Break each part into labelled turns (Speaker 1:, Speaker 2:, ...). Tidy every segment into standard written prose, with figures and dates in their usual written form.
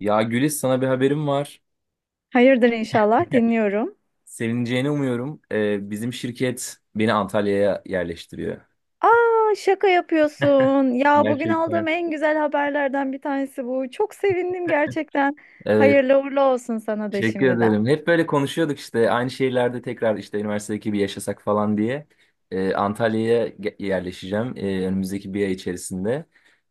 Speaker 1: Ya Gülis, sana bir haberim var.
Speaker 2: Hayırdır inşallah dinliyorum.
Speaker 1: Sevineceğini umuyorum. Bizim şirket beni Antalya'ya yerleştiriyor.
Speaker 2: Aa, şaka yapıyorsun. Ya, bugün
Speaker 1: Gerçekten.
Speaker 2: aldığım en güzel haberlerden bir tanesi bu. Çok sevindim gerçekten.
Speaker 1: Evet.
Speaker 2: Hayırlı uğurlu olsun sana da
Speaker 1: Teşekkür
Speaker 2: şimdiden.
Speaker 1: ederim. Hep böyle konuşuyorduk işte aynı şehirlerde tekrar işte üniversitedeki bir yaşasak falan diye. Antalya'ya yerleşeceğim önümüzdeki bir ay içerisinde.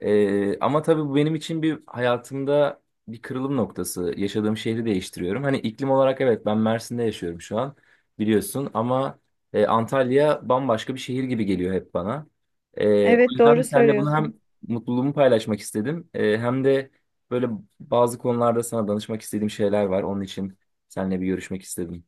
Speaker 1: Ama tabii bu benim için bir hayatımda bir kırılım noktası. Yaşadığım şehri değiştiriyorum. Hani iklim olarak evet, ben Mersin'de yaşıyorum şu an biliyorsun ama Antalya bambaşka bir şehir gibi geliyor hep bana. O
Speaker 2: Evet,
Speaker 1: yüzden de
Speaker 2: doğru
Speaker 1: seninle bunu hem
Speaker 2: söylüyorsun.
Speaker 1: mutluluğumu paylaşmak istedim, hem de böyle bazı konularda sana danışmak istediğim şeyler var. Onun için seninle bir görüşmek istedim.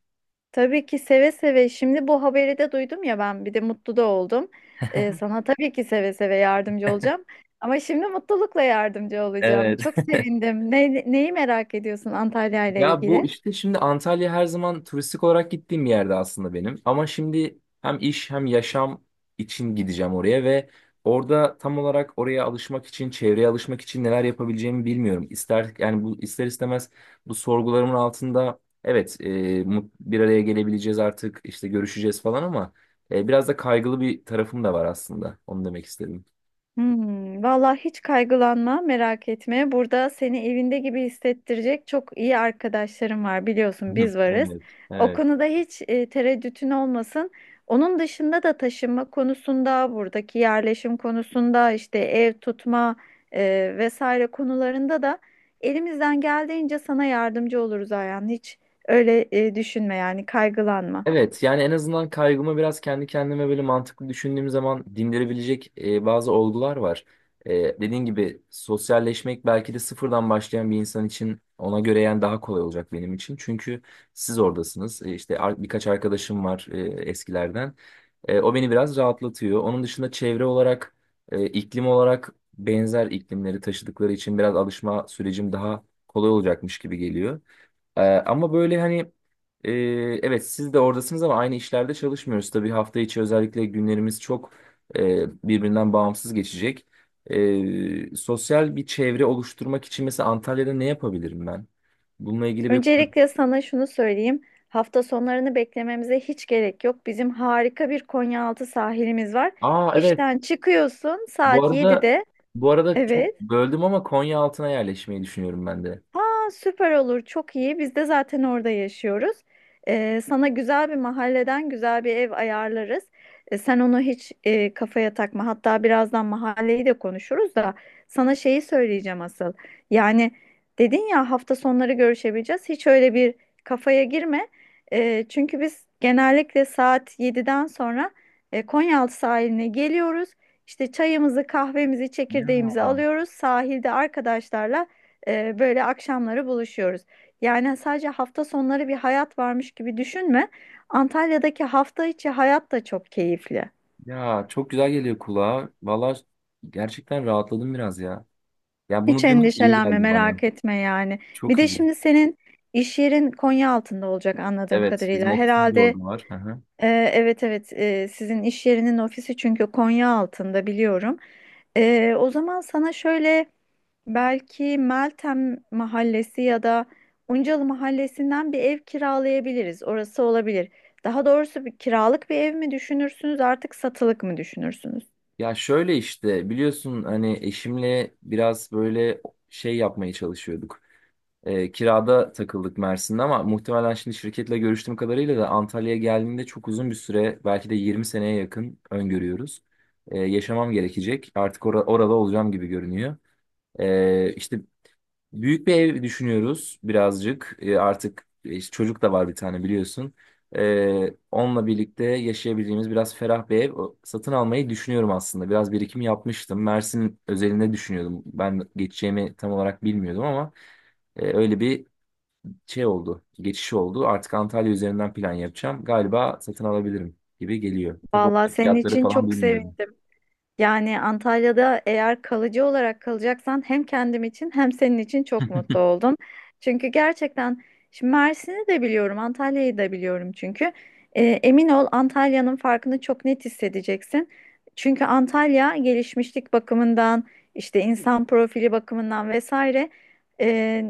Speaker 2: Tabii ki, seve seve. Şimdi bu haberi de duydum ya, ben bir de mutlu da oldum. Sana tabii ki seve seve yardımcı olacağım. Ama şimdi mutlulukla yardımcı olacağım.
Speaker 1: Evet.
Speaker 2: Çok sevindim. Neyi merak ediyorsun Antalya ile
Speaker 1: Ya bu
Speaker 2: ilgili?
Speaker 1: işte, şimdi Antalya her zaman turistik olarak gittiğim bir yerde aslında benim. Ama şimdi hem iş hem yaşam için gideceğim oraya ve orada tam olarak oraya alışmak için, çevreye alışmak için neler yapabileceğimi bilmiyorum. İster yani, bu ister istemez bu sorgularımın altında evet, bir araya gelebileceğiz artık işte, görüşeceğiz falan ama biraz da kaygılı bir tarafım da var aslında. Onu demek istedim.
Speaker 2: Vallahi hiç kaygılanma, merak etme. Burada seni evinde gibi hissettirecek çok iyi arkadaşlarım var.
Speaker 1: Hı.
Speaker 2: Biliyorsun biz varız.
Speaker 1: Evet,
Speaker 2: O
Speaker 1: evet.
Speaker 2: konuda hiç tereddütün olmasın. Onun dışında da taşınma konusunda, buradaki yerleşim konusunda, işte ev tutma vesaire konularında da elimizden geldiğince sana yardımcı oluruz Ayhan. Hiç öyle düşünme, yani kaygılanma.
Speaker 1: Evet, yani en azından kaygımı biraz kendi kendime böyle mantıklı düşündüğüm zaman dindirebilecek bazı olgular var. E, dediğin gibi sosyalleşmek belki de sıfırdan başlayan bir insan için ona göre yani daha kolay olacak benim için. Çünkü siz oradasınız. E, işte birkaç arkadaşım var eskilerden. E, o beni biraz rahatlatıyor. Onun dışında çevre olarak, iklim olarak benzer iklimleri taşıdıkları için biraz alışma sürecim daha kolay olacakmış gibi geliyor. Ama böyle hani, e, evet siz de oradasınız ama aynı işlerde çalışmıyoruz. Tabii hafta içi özellikle günlerimiz çok birbirinden bağımsız geçecek. E, sosyal bir çevre oluşturmak için mesela Antalya'da ne yapabilirim ben? Bununla ilgili bir...
Speaker 2: Öncelikle sana şunu söyleyeyim. Hafta sonlarını beklememize hiç gerek yok. Bizim harika bir Konyaaltı sahilimiz var.
Speaker 1: Aa evet,
Speaker 2: İşten çıkıyorsun
Speaker 1: bu
Speaker 2: saat
Speaker 1: arada,
Speaker 2: 7'de.
Speaker 1: bu arada çok
Speaker 2: Evet.
Speaker 1: böldüm ama Konya altına yerleşmeyi düşünüyorum ben de.
Speaker 2: Aa, süper olur, çok iyi. Biz de zaten orada yaşıyoruz. Sana güzel bir mahalleden güzel bir ev ayarlarız. Sen onu hiç kafaya takma. Hatta birazdan mahalleyi de konuşuruz da sana şeyi söyleyeceğim asıl. Yani dedin ya hafta sonları görüşebileceğiz. Hiç öyle bir kafaya girme. Çünkü biz genellikle saat yediden sonra Konyaaltı sahiline geliyoruz. İşte çayımızı, kahvemizi, çekirdeğimizi
Speaker 1: Ya,
Speaker 2: alıyoruz. Sahilde arkadaşlarla böyle akşamları buluşuyoruz. Yani sadece hafta sonları bir hayat varmış gibi düşünme. Antalya'daki hafta içi hayat da çok keyifli.
Speaker 1: ya çok güzel geliyor kulağa. Valla gerçekten rahatladım biraz ya. Ya
Speaker 2: Hiç
Speaker 1: bunu duymak iyi
Speaker 2: endişelenme,
Speaker 1: geldi bana.
Speaker 2: merak etme yani. Bir
Speaker 1: Çok
Speaker 2: de
Speaker 1: iyi.
Speaker 2: şimdi senin iş yerin Konya altında olacak anladığım
Speaker 1: Evet, bizim
Speaker 2: kadarıyla.
Speaker 1: ofisin de
Speaker 2: Herhalde
Speaker 1: orada var. Hı hı.
Speaker 2: e, evet, sizin iş yerinin ofisi çünkü Konya altında biliyorum. E, o zaman sana şöyle, belki Meltem Mahallesi ya da Uncalı Mahallesi'nden bir ev kiralayabiliriz. Orası olabilir. Daha doğrusu bir kiralık bir ev mi düşünürsünüz, artık satılık mı düşünürsünüz?
Speaker 1: Ya şöyle işte, biliyorsun hani eşimle biraz böyle şey yapmaya çalışıyorduk. Kirada takıldık Mersin'de, ama muhtemelen şimdi şirketle görüştüğüm kadarıyla da Antalya'ya geldiğinde çok uzun bir süre, belki de 20 seneye yakın öngörüyoruz. Yaşamam gerekecek. Artık orada olacağım gibi görünüyor. İşte büyük bir ev düşünüyoruz birazcık. E, artık işte çocuk da var bir tane biliyorsun. E, onunla birlikte yaşayabileceğimiz biraz ferah bir ev satın almayı düşünüyorum aslında. Biraz birikim yapmıştım. Mersin özelinde düşünüyordum. Ben geçeceğimi tam olarak bilmiyordum ama öyle bir şey oldu. Geçiş oldu. Artık Antalya üzerinden plan yapacağım. Galiba satın alabilirim gibi geliyor. Tabii o
Speaker 2: Vallahi senin
Speaker 1: fiyatları
Speaker 2: için
Speaker 1: falan
Speaker 2: çok
Speaker 1: bilmiyorum.
Speaker 2: sevindim. Yani Antalya'da eğer kalıcı olarak kalacaksan hem kendim için hem senin için çok mutlu oldum. Çünkü gerçekten şimdi Mersin'i de biliyorum, Antalya'yı da biliyorum çünkü. Emin ol Antalya'nın farkını çok net hissedeceksin. Çünkü Antalya gelişmişlik bakımından, işte insan profili bakımından vesaire e,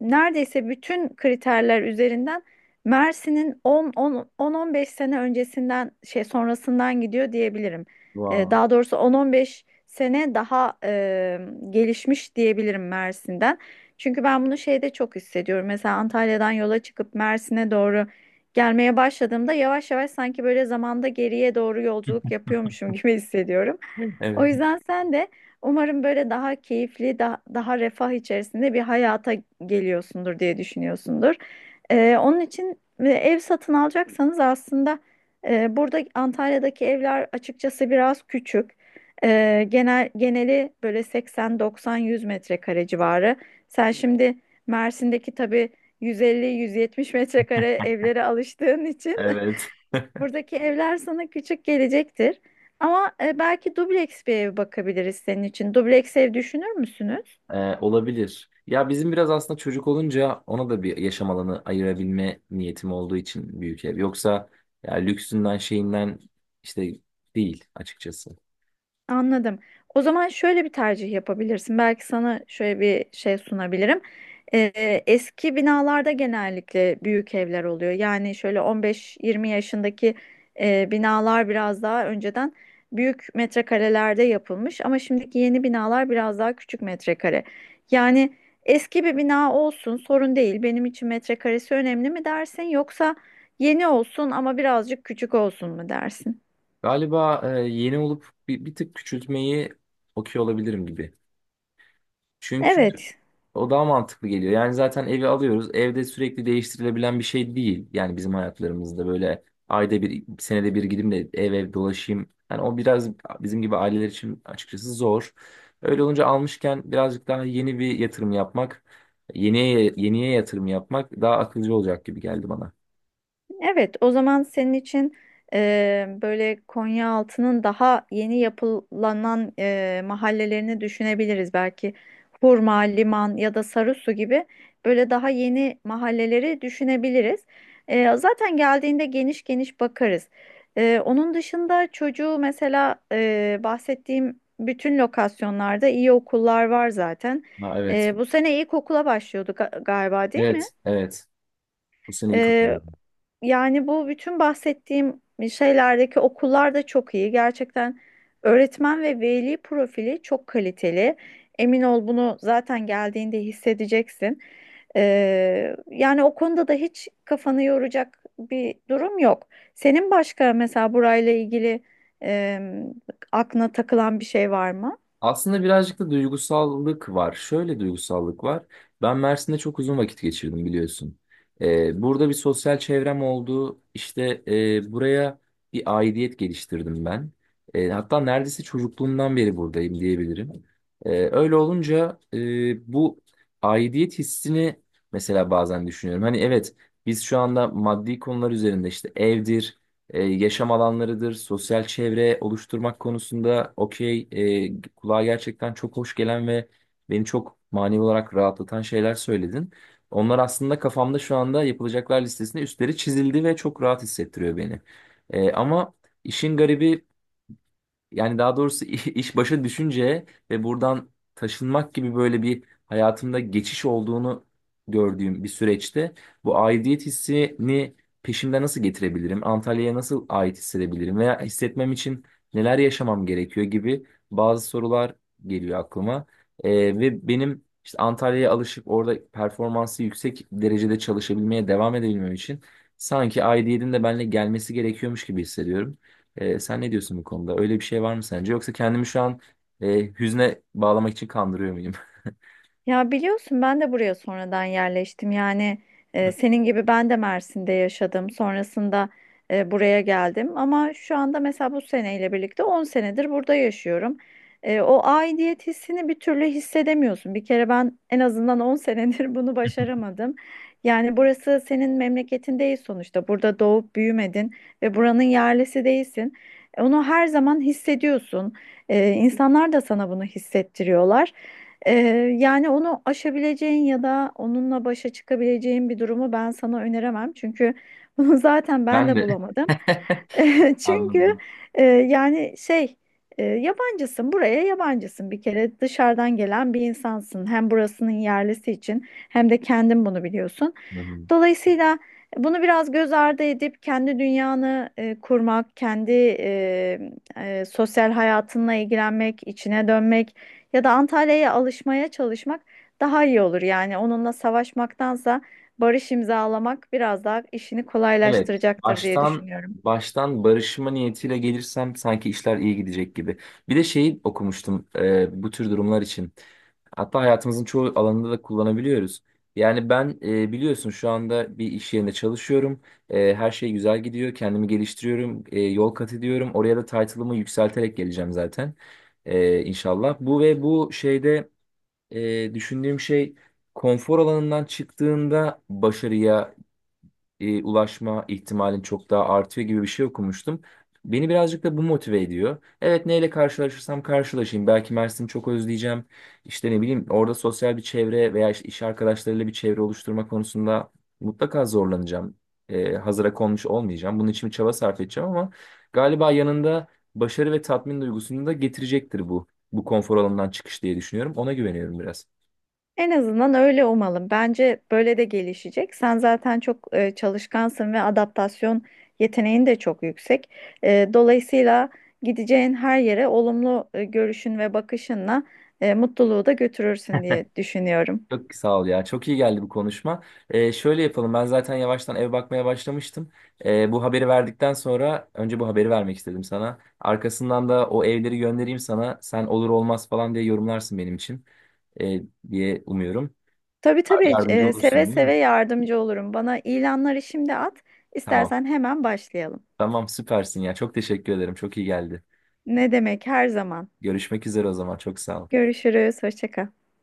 Speaker 2: neredeyse bütün kriterler üzerinden Mersin'in 10 10 10-15 sene öncesinden şey sonrasından gidiyor diyebilirim. E,
Speaker 1: Wow.
Speaker 2: daha doğrusu 10-15 sene daha gelişmiş diyebilirim Mersin'den. Çünkü ben bunu şeyde çok hissediyorum. Mesela Antalya'dan yola çıkıp Mersin'e doğru gelmeye başladığımda yavaş yavaş sanki böyle zamanda geriye doğru yolculuk yapıyormuşum gibi hissediyorum. O
Speaker 1: Evet.
Speaker 2: yüzden sen de umarım böyle daha keyifli, daha refah içerisinde bir hayata geliyorsundur diye düşünüyorsundur. E, onun için ev satın alacaksanız aslında burada Antalya'daki evler açıkçası biraz küçük. Geneli böyle 80-90-100 metrekare civarı. Sen şimdi Mersin'deki tabii 150-170 metrekare evlere alıştığın için
Speaker 1: Evet.
Speaker 2: buradaki evler sana küçük gelecektir. Ama belki dubleks bir ev bakabiliriz senin için. Dubleks ev düşünür müsünüz?
Speaker 1: Olabilir. Ya bizim biraz aslında çocuk olunca ona da bir yaşam alanı ayırabilme niyetim olduğu için büyük ev. Yoksa ya lüksünden şeyinden işte değil açıkçası.
Speaker 2: Anladım. O zaman şöyle bir tercih yapabilirsin. Belki sana şöyle bir şey sunabilirim. Eski binalarda genellikle büyük evler oluyor. Yani şöyle 15-20 yaşındaki binalar biraz daha önceden büyük metrekarelerde yapılmış ama şimdiki yeni binalar biraz daha küçük metrekare. Yani eski bir bina olsun sorun değil. Benim için metrekaresi önemli mi dersin yoksa yeni olsun ama birazcık küçük olsun mu dersin?
Speaker 1: Galiba yeni olup bir tık küçültmeyi okuyor olabilirim gibi. Çünkü
Speaker 2: Evet,
Speaker 1: o daha mantıklı geliyor. Yani zaten evi alıyoruz. Evde sürekli değiştirilebilen bir şey değil. Yani bizim hayatlarımızda böyle ayda bir, senede bir gideyim de ev ev dolaşayım. Yani o biraz bizim gibi aileler için açıkçası zor. Öyle olunca almışken birazcık daha yeni bir yatırım yapmak, yeniye yatırım yapmak daha akılcı olacak gibi geldi bana.
Speaker 2: evet, o zaman senin için böyle Konyaaltı'nın daha yeni yapılanan mahallelerini düşünebiliriz. Belki Hurma, Liman ya da Sarısu gibi böyle daha yeni mahalleleri düşünebiliriz. E, zaten geldiğinde geniş geniş bakarız. E, onun dışında çocuğu mesela bahsettiğim bütün lokasyonlarda iyi okullar var zaten.
Speaker 1: Ha, evet.
Speaker 2: E, bu sene ilkokula başlıyorduk, galiba değil mi?
Speaker 1: Evet, evet. Bu sene ilk
Speaker 2: Yani bu bütün bahsettiğim şeylerdeki okullar da çok iyi. Gerçekten öğretmen ve veli profili çok kaliteli. Emin ol, bunu zaten geldiğinde hissedeceksin. Yani o konuda da hiç kafanı yoracak bir durum yok. Senin başka mesela burayla ilgili e, aklına takılan bir şey var mı?
Speaker 1: aslında birazcık da duygusallık var. Şöyle duygusallık var. Ben Mersin'de çok uzun vakit geçirdim biliyorsun. Burada bir sosyal çevrem oldu. İşte buraya bir aidiyet geliştirdim ben. E, hatta neredeyse çocukluğumdan beri buradayım diyebilirim. E, öyle olunca bu aidiyet hissini mesela bazen düşünüyorum. Hani evet, biz şu anda maddi konular üzerinde işte evdir, yaşam alanlarıdır, sosyal çevre oluşturmak konusunda okey, kulağa gerçekten çok hoş gelen ve beni çok manevi olarak rahatlatan şeyler söyledin. Onlar aslında kafamda şu anda yapılacaklar listesinde üstleri çizildi ve çok rahat hissettiriyor beni. E, ama işin garibi, yani daha doğrusu iş başa düşünce ve buradan taşınmak gibi böyle bir hayatımda geçiş olduğunu gördüğüm bir süreçte bu aidiyet hissini peşimde nasıl getirebilirim? Antalya'ya nasıl ait hissedebilirim? Veya hissetmem için neler yaşamam gerekiyor gibi bazı sorular geliyor aklıma. Ee, Ve benim işte Antalya'ya alışıp orada performansı yüksek derecede çalışabilmeye devam edebilmem için sanki aidiyetin de benimle gelmesi gerekiyormuş gibi hissediyorum. Sen ne diyorsun bu konuda? Öyle bir şey var mı sence? Yoksa kendimi şu an hüzne bağlamak için kandırıyor muyum?
Speaker 2: Ya, biliyorsun ben de buraya sonradan yerleştim. Yani senin gibi ben de Mersin'de yaşadım. Sonrasında buraya geldim. Ama şu anda mesela bu seneyle birlikte 10 senedir burada yaşıyorum. E, o aidiyet hissini bir türlü hissedemiyorsun. Bir kere ben en azından 10 senedir bunu başaramadım. Yani burası senin memleketin değil sonuçta. Burada doğup büyümedin ve buranın yerlisi değilsin. E, onu her zaman hissediyorsun. E, insanlar da sana bunu hissettiriyorlar. Ee, Yani onu aşabileceğin ya da onunla başa çıkabileceğin bir durumu ben sana öneremem. Çünkü bunu zaten ben
Speaker 1: Ben
Speaker 2: de
Speaker 1: de.
Speaker 2: bulamadım. Çünkü
Speaker 1: Anladım.
Speaker 2: e, yani şey yabancısın, buraya yabancısın, bir kere dışarıdan gelen bir insansın. Hem burasının yerlisi için hem de kendin bunu biliyorsun.
Speaker 1: Hı hı.
Speaker 2: Dolayısıyla bunu biraz göz ardı edip kendi dünyanı kurmak, kendi e, sosyal hayatınla ilgilenmek, içine dönmek ya da Antalya'ya alışmaya çalışmak daha iyi olur. Yani onunla savaşmaktansa barış imzalamak biraz daha işini
Speaker 1: Evet,
Speaker 2: kolaylaştıracaktır diye düşünüyorum.
Speaker 1: baştan barışma niyetiyle gelirsem sanki işler iyi gidecek gibi. Bir de şeyi okumuştum bu tür durumlar için. Hatta hayatımızın çoğu alanında da kullanabiliyoruz. Yani ben, biliyorsun şu anda bir iş yerinde çalışıyorum. E, her şey güzel gidiyor. Kendimi geliştiriyorum, yol kat ediyorum. Oraya da title'ımı yükselterek geleceğim zaten. E, inşallah. Bu ve bu şeyde düşündüğüm şey, konfor alanından çıktığında başarıya ulaşma ihtimalin çok daha artıyor gibi bir şey okumuştum. Beni birazcık da bu motive ediyor. Evet, neyle karşılaşırsam karşılaşayım. Belki Mersin'i çok özleyeceğim. İşte ne bileyim, orada sosyal bir çevre veya işte iş arkadaşlarıyla bir çevre oluşturma konusunda mutlaka zorlanacağım. E, hazıra konmuş olmayacağım. Bunun için bir çaba sarf edeceğim, ama galiba yanında başarı ve tatmin duygusunu da getirecektir bu. Bu konfor alanından çıkış diye düşünüyorum. Ona güveniyorum biraz.
Speaker 2: En azından öyle umalım. Bence böyle de gelişecek. Sen zaten çok çalışkansın ve adaptasyon yeteneğin de çok yüksek. E, dolayısıyla gideceğin her yere olumlu görüşün ve bakışınla mutluluğu da götürürsün diye düşünüyorum.
Speaker 1: Çok sağ ol ya. Çok iyi geldi bu konuşma. Şöyle yapalım. Ben zaten yavaştan ev bakmaya başlamıştım. Bu haberi verdikten sonra, önce bu haberi vermek istedim sana. Arkasından da o evleri göndereyim sana. Sen olur olmaz falan diye yorumlarsın benim için Ee, diye umuyorum.
Speaker 2: Tabii tabii,
Speaker 1: Yardımcı
Speaker 2: seve
Speaker 1: olursun değil mi?
Speaker 2: seve yardımcı olurum. Bana ilanları şimdi at.
Speaker 1: Tamam.
Speaker 2: İstersen hemen başlayalım.
Speaker 1: Tamam, süpersin ya. Çok teşekkür ederim. Çok iyi geldi.
Speaker 2: Ne demek, her zaman.
Speaker 1: Görüşmek üzere o zaman. Çok sağ ol.
Speaker 2: Görüşürüz. Hoşça kal.